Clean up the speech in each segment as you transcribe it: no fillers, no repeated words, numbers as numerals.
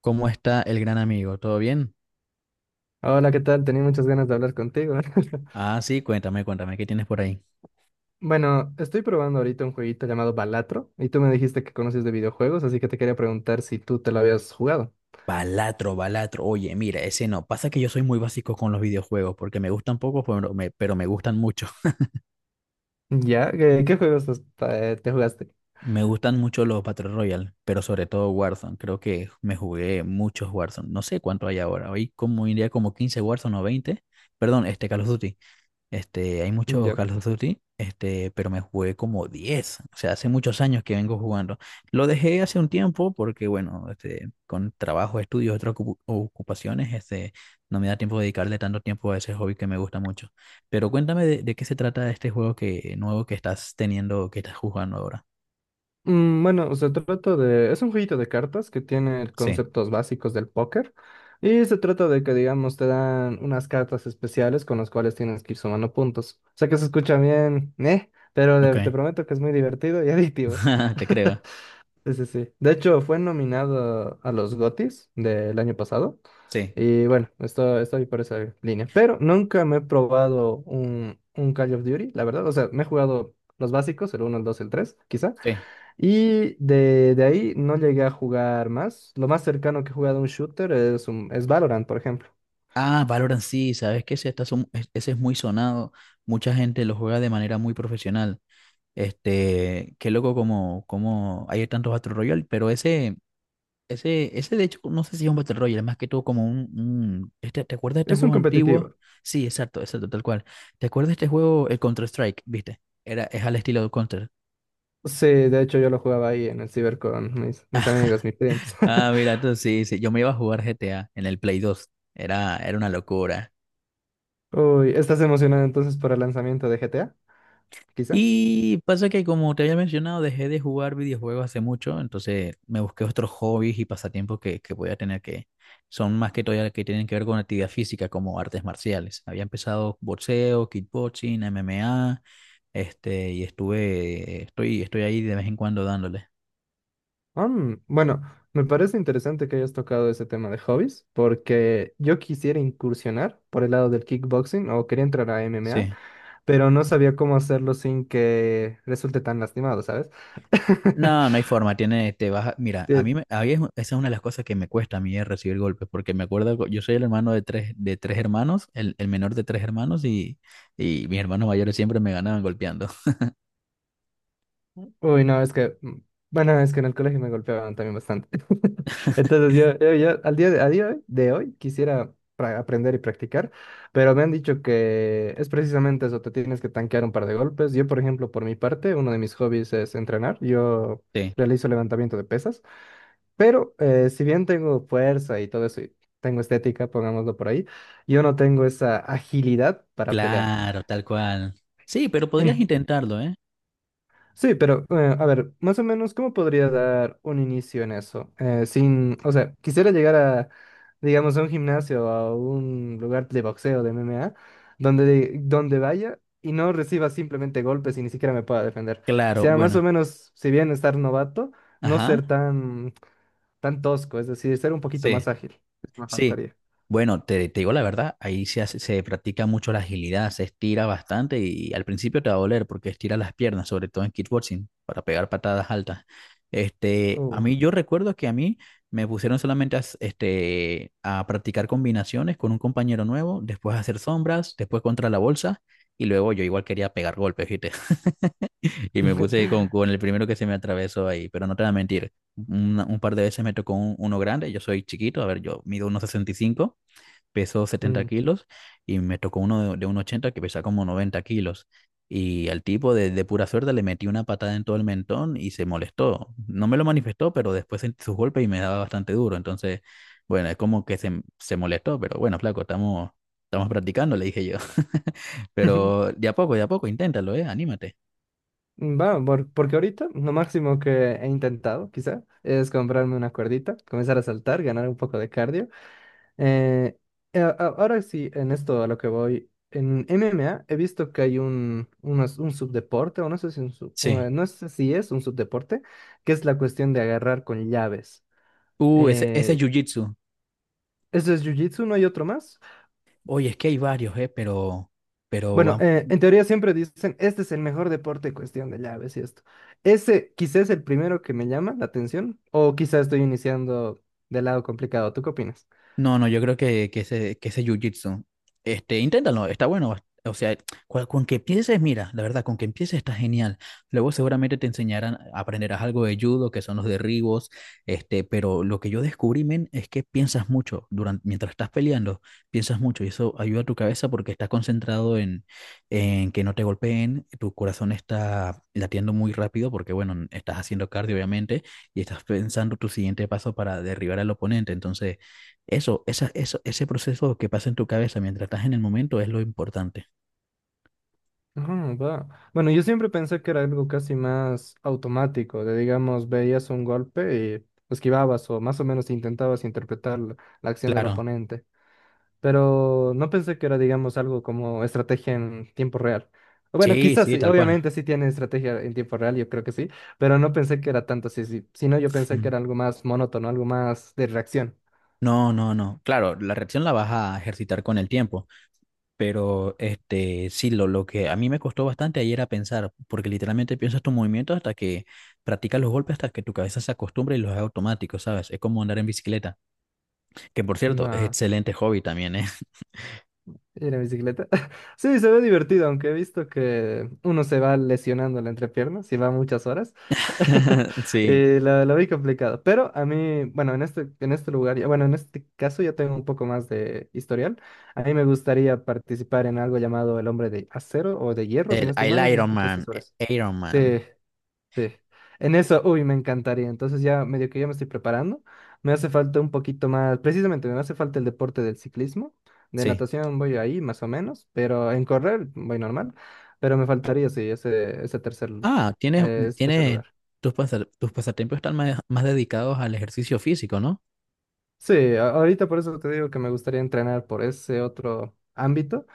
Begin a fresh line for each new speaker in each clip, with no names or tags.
¿Cómo está el gran amigo? ¿Todo bien?
Hola, ¿qué tal? Tenía muchas ganas de hablar contigo.
Ah, sí, cuéntame, cuéntame, ¿qué tienes por ahí?
Bueno, estoy probando ahorita un jueguito llamado Balatro y tú me dijiste que conoces de videojuegos, así que te quería preguntar si tú te lo habías jugado.
Balatro, Balatro. Oye, mira, ese no. Pasa que yo soy muy básico con los videojuegos, porque me gustan pocos, pero me gustan mucho.
¿Ya? ¿Qué, qué juegos te jugaste?
Me gustan mucho los Battle Royale, pero sobre todo Warzone. Creo que me jugué muchos Warzone. No sé cuánto hay ahora. Hoy como iría como 15 Warzone o 20. Perdón, este Call of Duty. Este, hay muchos
Ya.
Call of Duty, este, pero me jugué como 10 o sea, hace muchos años que vengo jugando. Lo dejé hace un tiempo porque, bueno, este, con trabajo, estudios, otras ocupaciones, este, no me da tiempo de dedicarle tanto tiempo a ese hobby que me gusta mucho. Pero cuéntame de qué se trata este juego que, nuevo que estás teniendo, que estás jugando ahora.
Bueno, se trata de... Es un jueguito de cartas que tiene
Sí,
conceptos básicos del póker y se trata de que, digamos, te dan unas cartas especiales con las cuales tienes que ir sumando puntos. O sea que se escucha bien, ¿eh? Pero
ok.
te prometo que es muy divertido y adictivo.
Te creo.
Sí, sí, sí. De hecho, fue nominado a los GOTYs del año pasado.
Sí,
Y bueno, estoy por esa línea. Pero nunca me he probado un Call of Duty, la verdad. O sea, me he jugado los básicos, el uno, el 2, el 3, quizá.
sí.
Y de ahí no llegué a jugar más. Lo más cercano que he jugado a un shooter es Valorant, por ejemplo.
Ah, Valorant sí, sabes que ese, ese es muy sonado. Mucha gente lo juega de manera muy profesional. Este, qué loco como, como hay tantos Battle Royale, pero ese de hecho, no sé si es un Battle Royale, más que todo como este, ¿te acuerdas de este
Es un
juego antiguo?
competitivo.
Sí, exacto, exacto, tal cual. ¿Te acuerdas de este juego, el Counter-Strike, viste? Era, es al estilo de Counter.
Sí, de hecho yo lo jugaba ahí en el ciber con mis amigos, mis primos.
Ah, mira, tú sí, sí, yo me iba a jugar GTA en el Play dos. Era, era una locura.
Uy, ¿estás emocionado entonces por el lanzamiento de GTA? Quizá.
Y pasa que, como te había mencionado, dejé de jugar videojuegos hace mucho, entonces me busqué otros hobbies y pasatiempos que voy a tener que son más que todavía que tienen que ver con actividad física, como artes marciales. Había empezado boxeo, kickboxing, MMA, este, y estoy ahí de vez en cuando dándole.
Bueno, me parece interesante que hayas tocado ese tema de hobbies, porque yo quisiera incursionar por el lado del kickboxing o quería entrar a MMA,
Sí.
pero no sabía cómo hacerlo sin que resulte tan lastimado, ¿sabes?
No, no hay forma, tiene, mira, a
Eh,
mí, me- a mí es- esa es una de las cosas que me cuesta a mí es recibir golpes, porque me acuerdo, yo soy el hermano de tres, el menor de tres hermanos, y mis hermanos mayores siempre me ganaban golpeando.
Uy, no, es que, bueno, es que en el colegio me golpeaban también bastante. Entonces yo al a día de hoy quisiera aprender y practicar, pero me han dicho que es precisamente eso, te tienes que tanquear un par de golpes. Yo, por ejemplo, por mi parte, uno de mis hobbies es entrenar. Yo
Sí.
realizo levantamiento de pesas, pero si bien tengo fuerza y todo eso, y tengo estética, pongámoslo por ahí, yo no tengo esa agilidad para pelear.
Claro, tal cual. Sí, pero podrías intentarlo, ¿eh?
Sí, pero a ver, más o menos, ¿cómo podría dar un inicio en eso? Sin, o sea, quisiera llegar a, digamos, a un gimnasio, a un lugar de boxeo, de MMA, donde vaya y no reciba simplemente golpes y ni siquiera me pueda defender.
Claro,
Quisiera más
bueno,
o menos, si bien estar novato, no
ajá,
ser tan, tan tosco, es decir, ser un poquito
sí.
más ágil. Eso me
Sí,
faltaría.
bueno, te digo la verdad, ahí se practica mucho la agilidad, se estira bastante y al principio te va a doler porque estira las piernas, sobre todo en kickboxing, para pegar patadas altas. Este, a
Oh.
mí yo recuerdo que a mí me pusieron solamente este, a practicar combinaciones con un compañero nuevo, después a hacer sombras, después contra la bolsa y luego yo igual quería pegar golpes, ¿viste? Y me puse con, con el primero que se me atravesó ahí, pero no te voy a mentir. Un par de veces me tocó uno grande, yo soy chiquito, a ver, yo mido 1,65, peso setenta
Mm.
kilos y me tocó uno de 1,80 que pesa como 90 kilos. Y al tipo de pura suerte le metí una patada en todo el mentón y se molestó. No me lo manifestó, pero después sentí sus golpes y me daba bastante duro. Entonces, bueno, es como que se molestó, pero bueno, flaco, estamos, estamos practicando, le dije yo. Pero de a poco, inténtalo, ¿eh? Anímate.
Va, porque ahorita lo máximo que he intentado, quizá, es comprarme una cuerdita, comenzar a saltar, ganar un poco de cardio. Eh, Ahora sí, en esto a lo que voy, en MMA he visto que hay un subdeporte, o no sé si,
Sí.
no sé si es un subdeporte, que es la cuestión de agarrar con llaves.
Ese, ese es
Eh,
Jiu-Jitsu.
¿Eso es jiu-jitsu? ¿No hay otro más?
Oye, es que hay varios, pero
Bueno,
van.
en teoría siempre dicen, este es el mejor deporte, en cuestión de llaves y esto. Ese quizás es el primero que me llama la atención, o quizás estoy iniciando del lado complicado. ¿Tú qué opinas?
No, no, yo creo que, que ese jiu-jitsu, este, inténtalo, está bueno. O sea, con que empieces, mira, la verdad, con que empieces está genial. Luego seguramente te enseñarán, aprenderás algo de judo, que son los derribos, este, pero lo que yo descubrí, men, es que piensas mucho durante, mientras estás peleando, piensas mucho y eso ayuda a tu cabeza porque estás concentrado en que no te golpeen, tu corazón está latiendo muy rápido porque, bueno, estás haciendo cardio, obviamente, y estás pensando tu siguiente paso para derribar al oponente. Entonces, ese proceso que pasa en tu cabeza mientras estás en el momento es lo importante.
Va. Bueno, yo siempre pensé que era algo casi más automático, de digamos, veías un golpe y esquivabas o más o menos intentabas interpretar la acción del
Claro,
oponente. Pero no pensé que era, digamos, algo como estrategia en tiempo real. Bueno,
sí,
quizás
sí,
sí,
tal cual.
obviamente sí tiene estrategia en tiempo real, yo creo que sí, pero no pensé que era tanto así, sí. Sino yo pensé que
Ujú.
era algo más monótono, algo más de reacción.
No, no, no. Claro, la reacción la vas a ejercitar con el tiempo, pero este, sí, lo que a mí me costó bastante ayer era pensar, porque literalmente piensas tus movimientos hasta que practicas los golpes, hasta que tu cabeza se acostumbra y los haga automáticos, ¿sabes? Es como andar en bicicleta, que por cierto, es
Va.
excelente hobby también, ¿eh?
Ir en bicicleta. Sí, se ve divertido, aunque he visto que uno se va lesionando la entrepierna si va muchas horas.
Sí,
Y lo vi complicado. Pero a mí, bueno, en este lugar, bueno, en este caso ya tengo un poco más de historial. A mí me gustaría participar en algo llamado El Hombre de Acero o de Hierro, si no
el,
estoy mal, no
el
sé si
Iron
escuchaste
Man,
sobre eso.
Iron Man,
Sí. Sí, en eso, uy, me encantaría. Entonces ya medio que ya me estoy preparando. Me hace falta un poquito más, precisamente me hace falta el deporte del ciclismo. De
sí.
natación voy ahí más o menos, pero en correr voy normal. Pero me faltaría, sí, ese tercer,
Ah, tienes,
ese
tienes
lugar.
tus pasatiempos están más, más dedicados al ejercicio físico, ¿no?
Sí, ahorita por eso te digo que me gustaría entrenar por ese otro ámbito.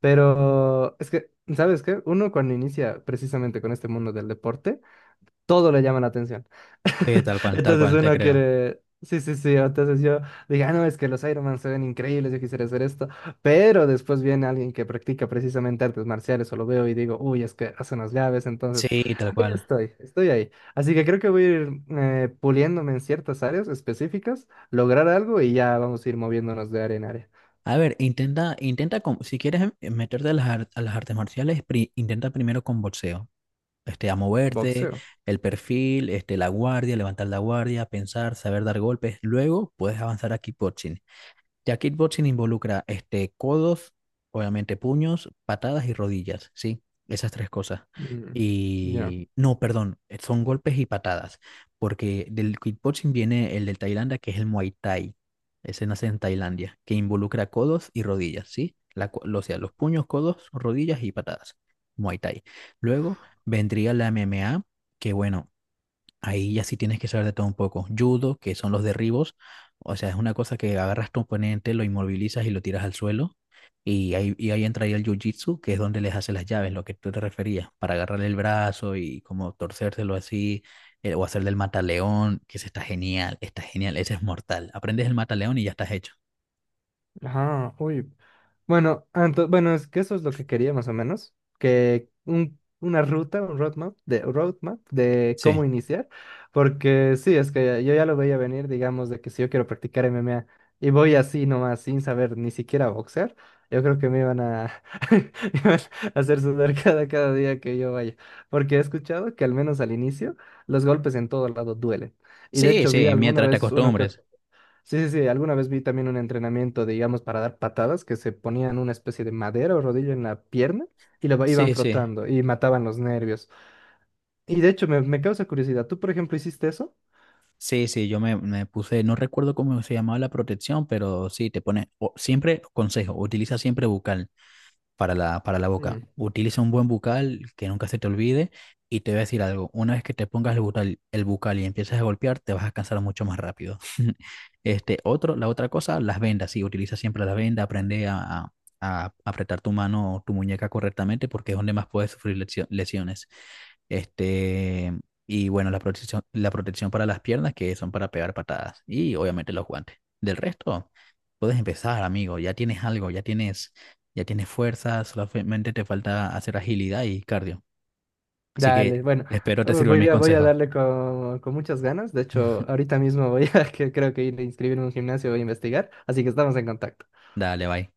Pero es que, ¿sabes qué? Uno cuando inicia precisamente con este mundo del deporte, todo le llama la atención.
Tal
Entonces
cual, te
uno
creo.
quiere... Sí, sí, sí. Entonces yo dije, ah, no, es que los Ironman se ven increíbles, yo quisiera hacer esto. Pero después viene alguien que practica precisamente artes marciales o lo veo y digo, uy, es que hace unas llaves. Entonces,
Sí, tal
ahí
cual.
estoy, estoy ahí. Así que creo que voy a ir puliéndome en ciertas áreas específicas, lograr algo y ya vamos a ir moviéndonos de área en área.
A ver, intenta, intenta con, si quieres meterte a las, a las artes marciales, intenta primero con boxeo. Este, a moverte,
Boxeo.
el perfil, este, la guardia, levantar la guardia, pensar, saber dar golpes. Luego puedes avanzar a kickboxing. Ya kickboxing involucra este, codos, obviamente puños, patadas y rodillas, ¿sí? Esas tres cosas.
Mm. Ya.
Y no, perdón, son golpes y patadas, porque del kickboxing viene el de Tailandia, que es el Muay Thai. Ese nace en Tailandia, que involucra codos y rodillas, ¿sí? O sea, los puños, codos, rodillas y patadas. Muay Thai. Luego vendría la MMA, que bueno, ahí ya sí tienes que saber de todo un poco. Judo, que son los derribos, o sea, es una cosa que agarras tu oponente, lo inmovilizas y lo tiras al suelo. Y ahí entraría el jiu-jitsu, que es donde les haces las llaves, lo que tú te referías, para agarrarle el brazo y como torcérselo así, o hacer del mataleón, que ese está genial, ese es mortal. Aprendes el mataleón y ya estás hecho.
Ajá. Uy. Bueno, bueno, es que eso es lo que quería más o menos, que un, una ruta, un roadmap roadmap de
Sí,
cómo iniciar, porque sí, es que yo ya lo veía venir, digamos, de que si yo quiero practicar MMA y voy así nomás sin saber ni siquiera boxear, yo creo que me iban a, me iban a hacer sudar cada, cada día que yo vaya, porque he escuchado que al menos al inicio los golpes en todo lado duelen. Y de
sí,
hecho vi
sí,
alguna
mientras te
vez uno que,
acostumbres.
sí, sí, sí, alguna vez vi también un entrenamiento, digamos, para dar patadas, que se ponían una especie de madera o rodillo en la pierna y lo iban
Sí, sí.
frotando y mataban los nervios. Y de hecho, me causa curiosidad, ¿tú, por ejemplo, hiciste eso?
Sí, sí, yo me, me puse, no recuerdo cómo se llamaba la protección, pero sí, te pone, o- siempre, consejo, utiliza siempre bucal para la boca.
Mm.
Utiliza un buen bucal que nunca se te olvide y te voy a decir algo, una vez que te pongas el bucal y empiezas a golpear, te vas a cansar mucho más rápido. Este, otro, la otra cosa, las vendas, sí, utiliza siempre las vendas, aprende a apretar tu mano o tu muñeca correctamente porque es donde más puedes sufrir lesiones. Este, y bueno, la protección para las piernas que son para pegar patadas y obviamente los guantes. Del resto, puedes empezar, amigo, ya tienes algo, ya tienes fuerza, solamente te falta hacer agilidad y cardio. Así que
Dale, bueno,
espero te sirvan mis
voy a
consejos.
darle con muchas ganas. De hecho, ahorita mismo voy a, que creo que ir a inscribirme en un gimnasio, voy a investigar, así que estamos en contacto.
Dale, bye.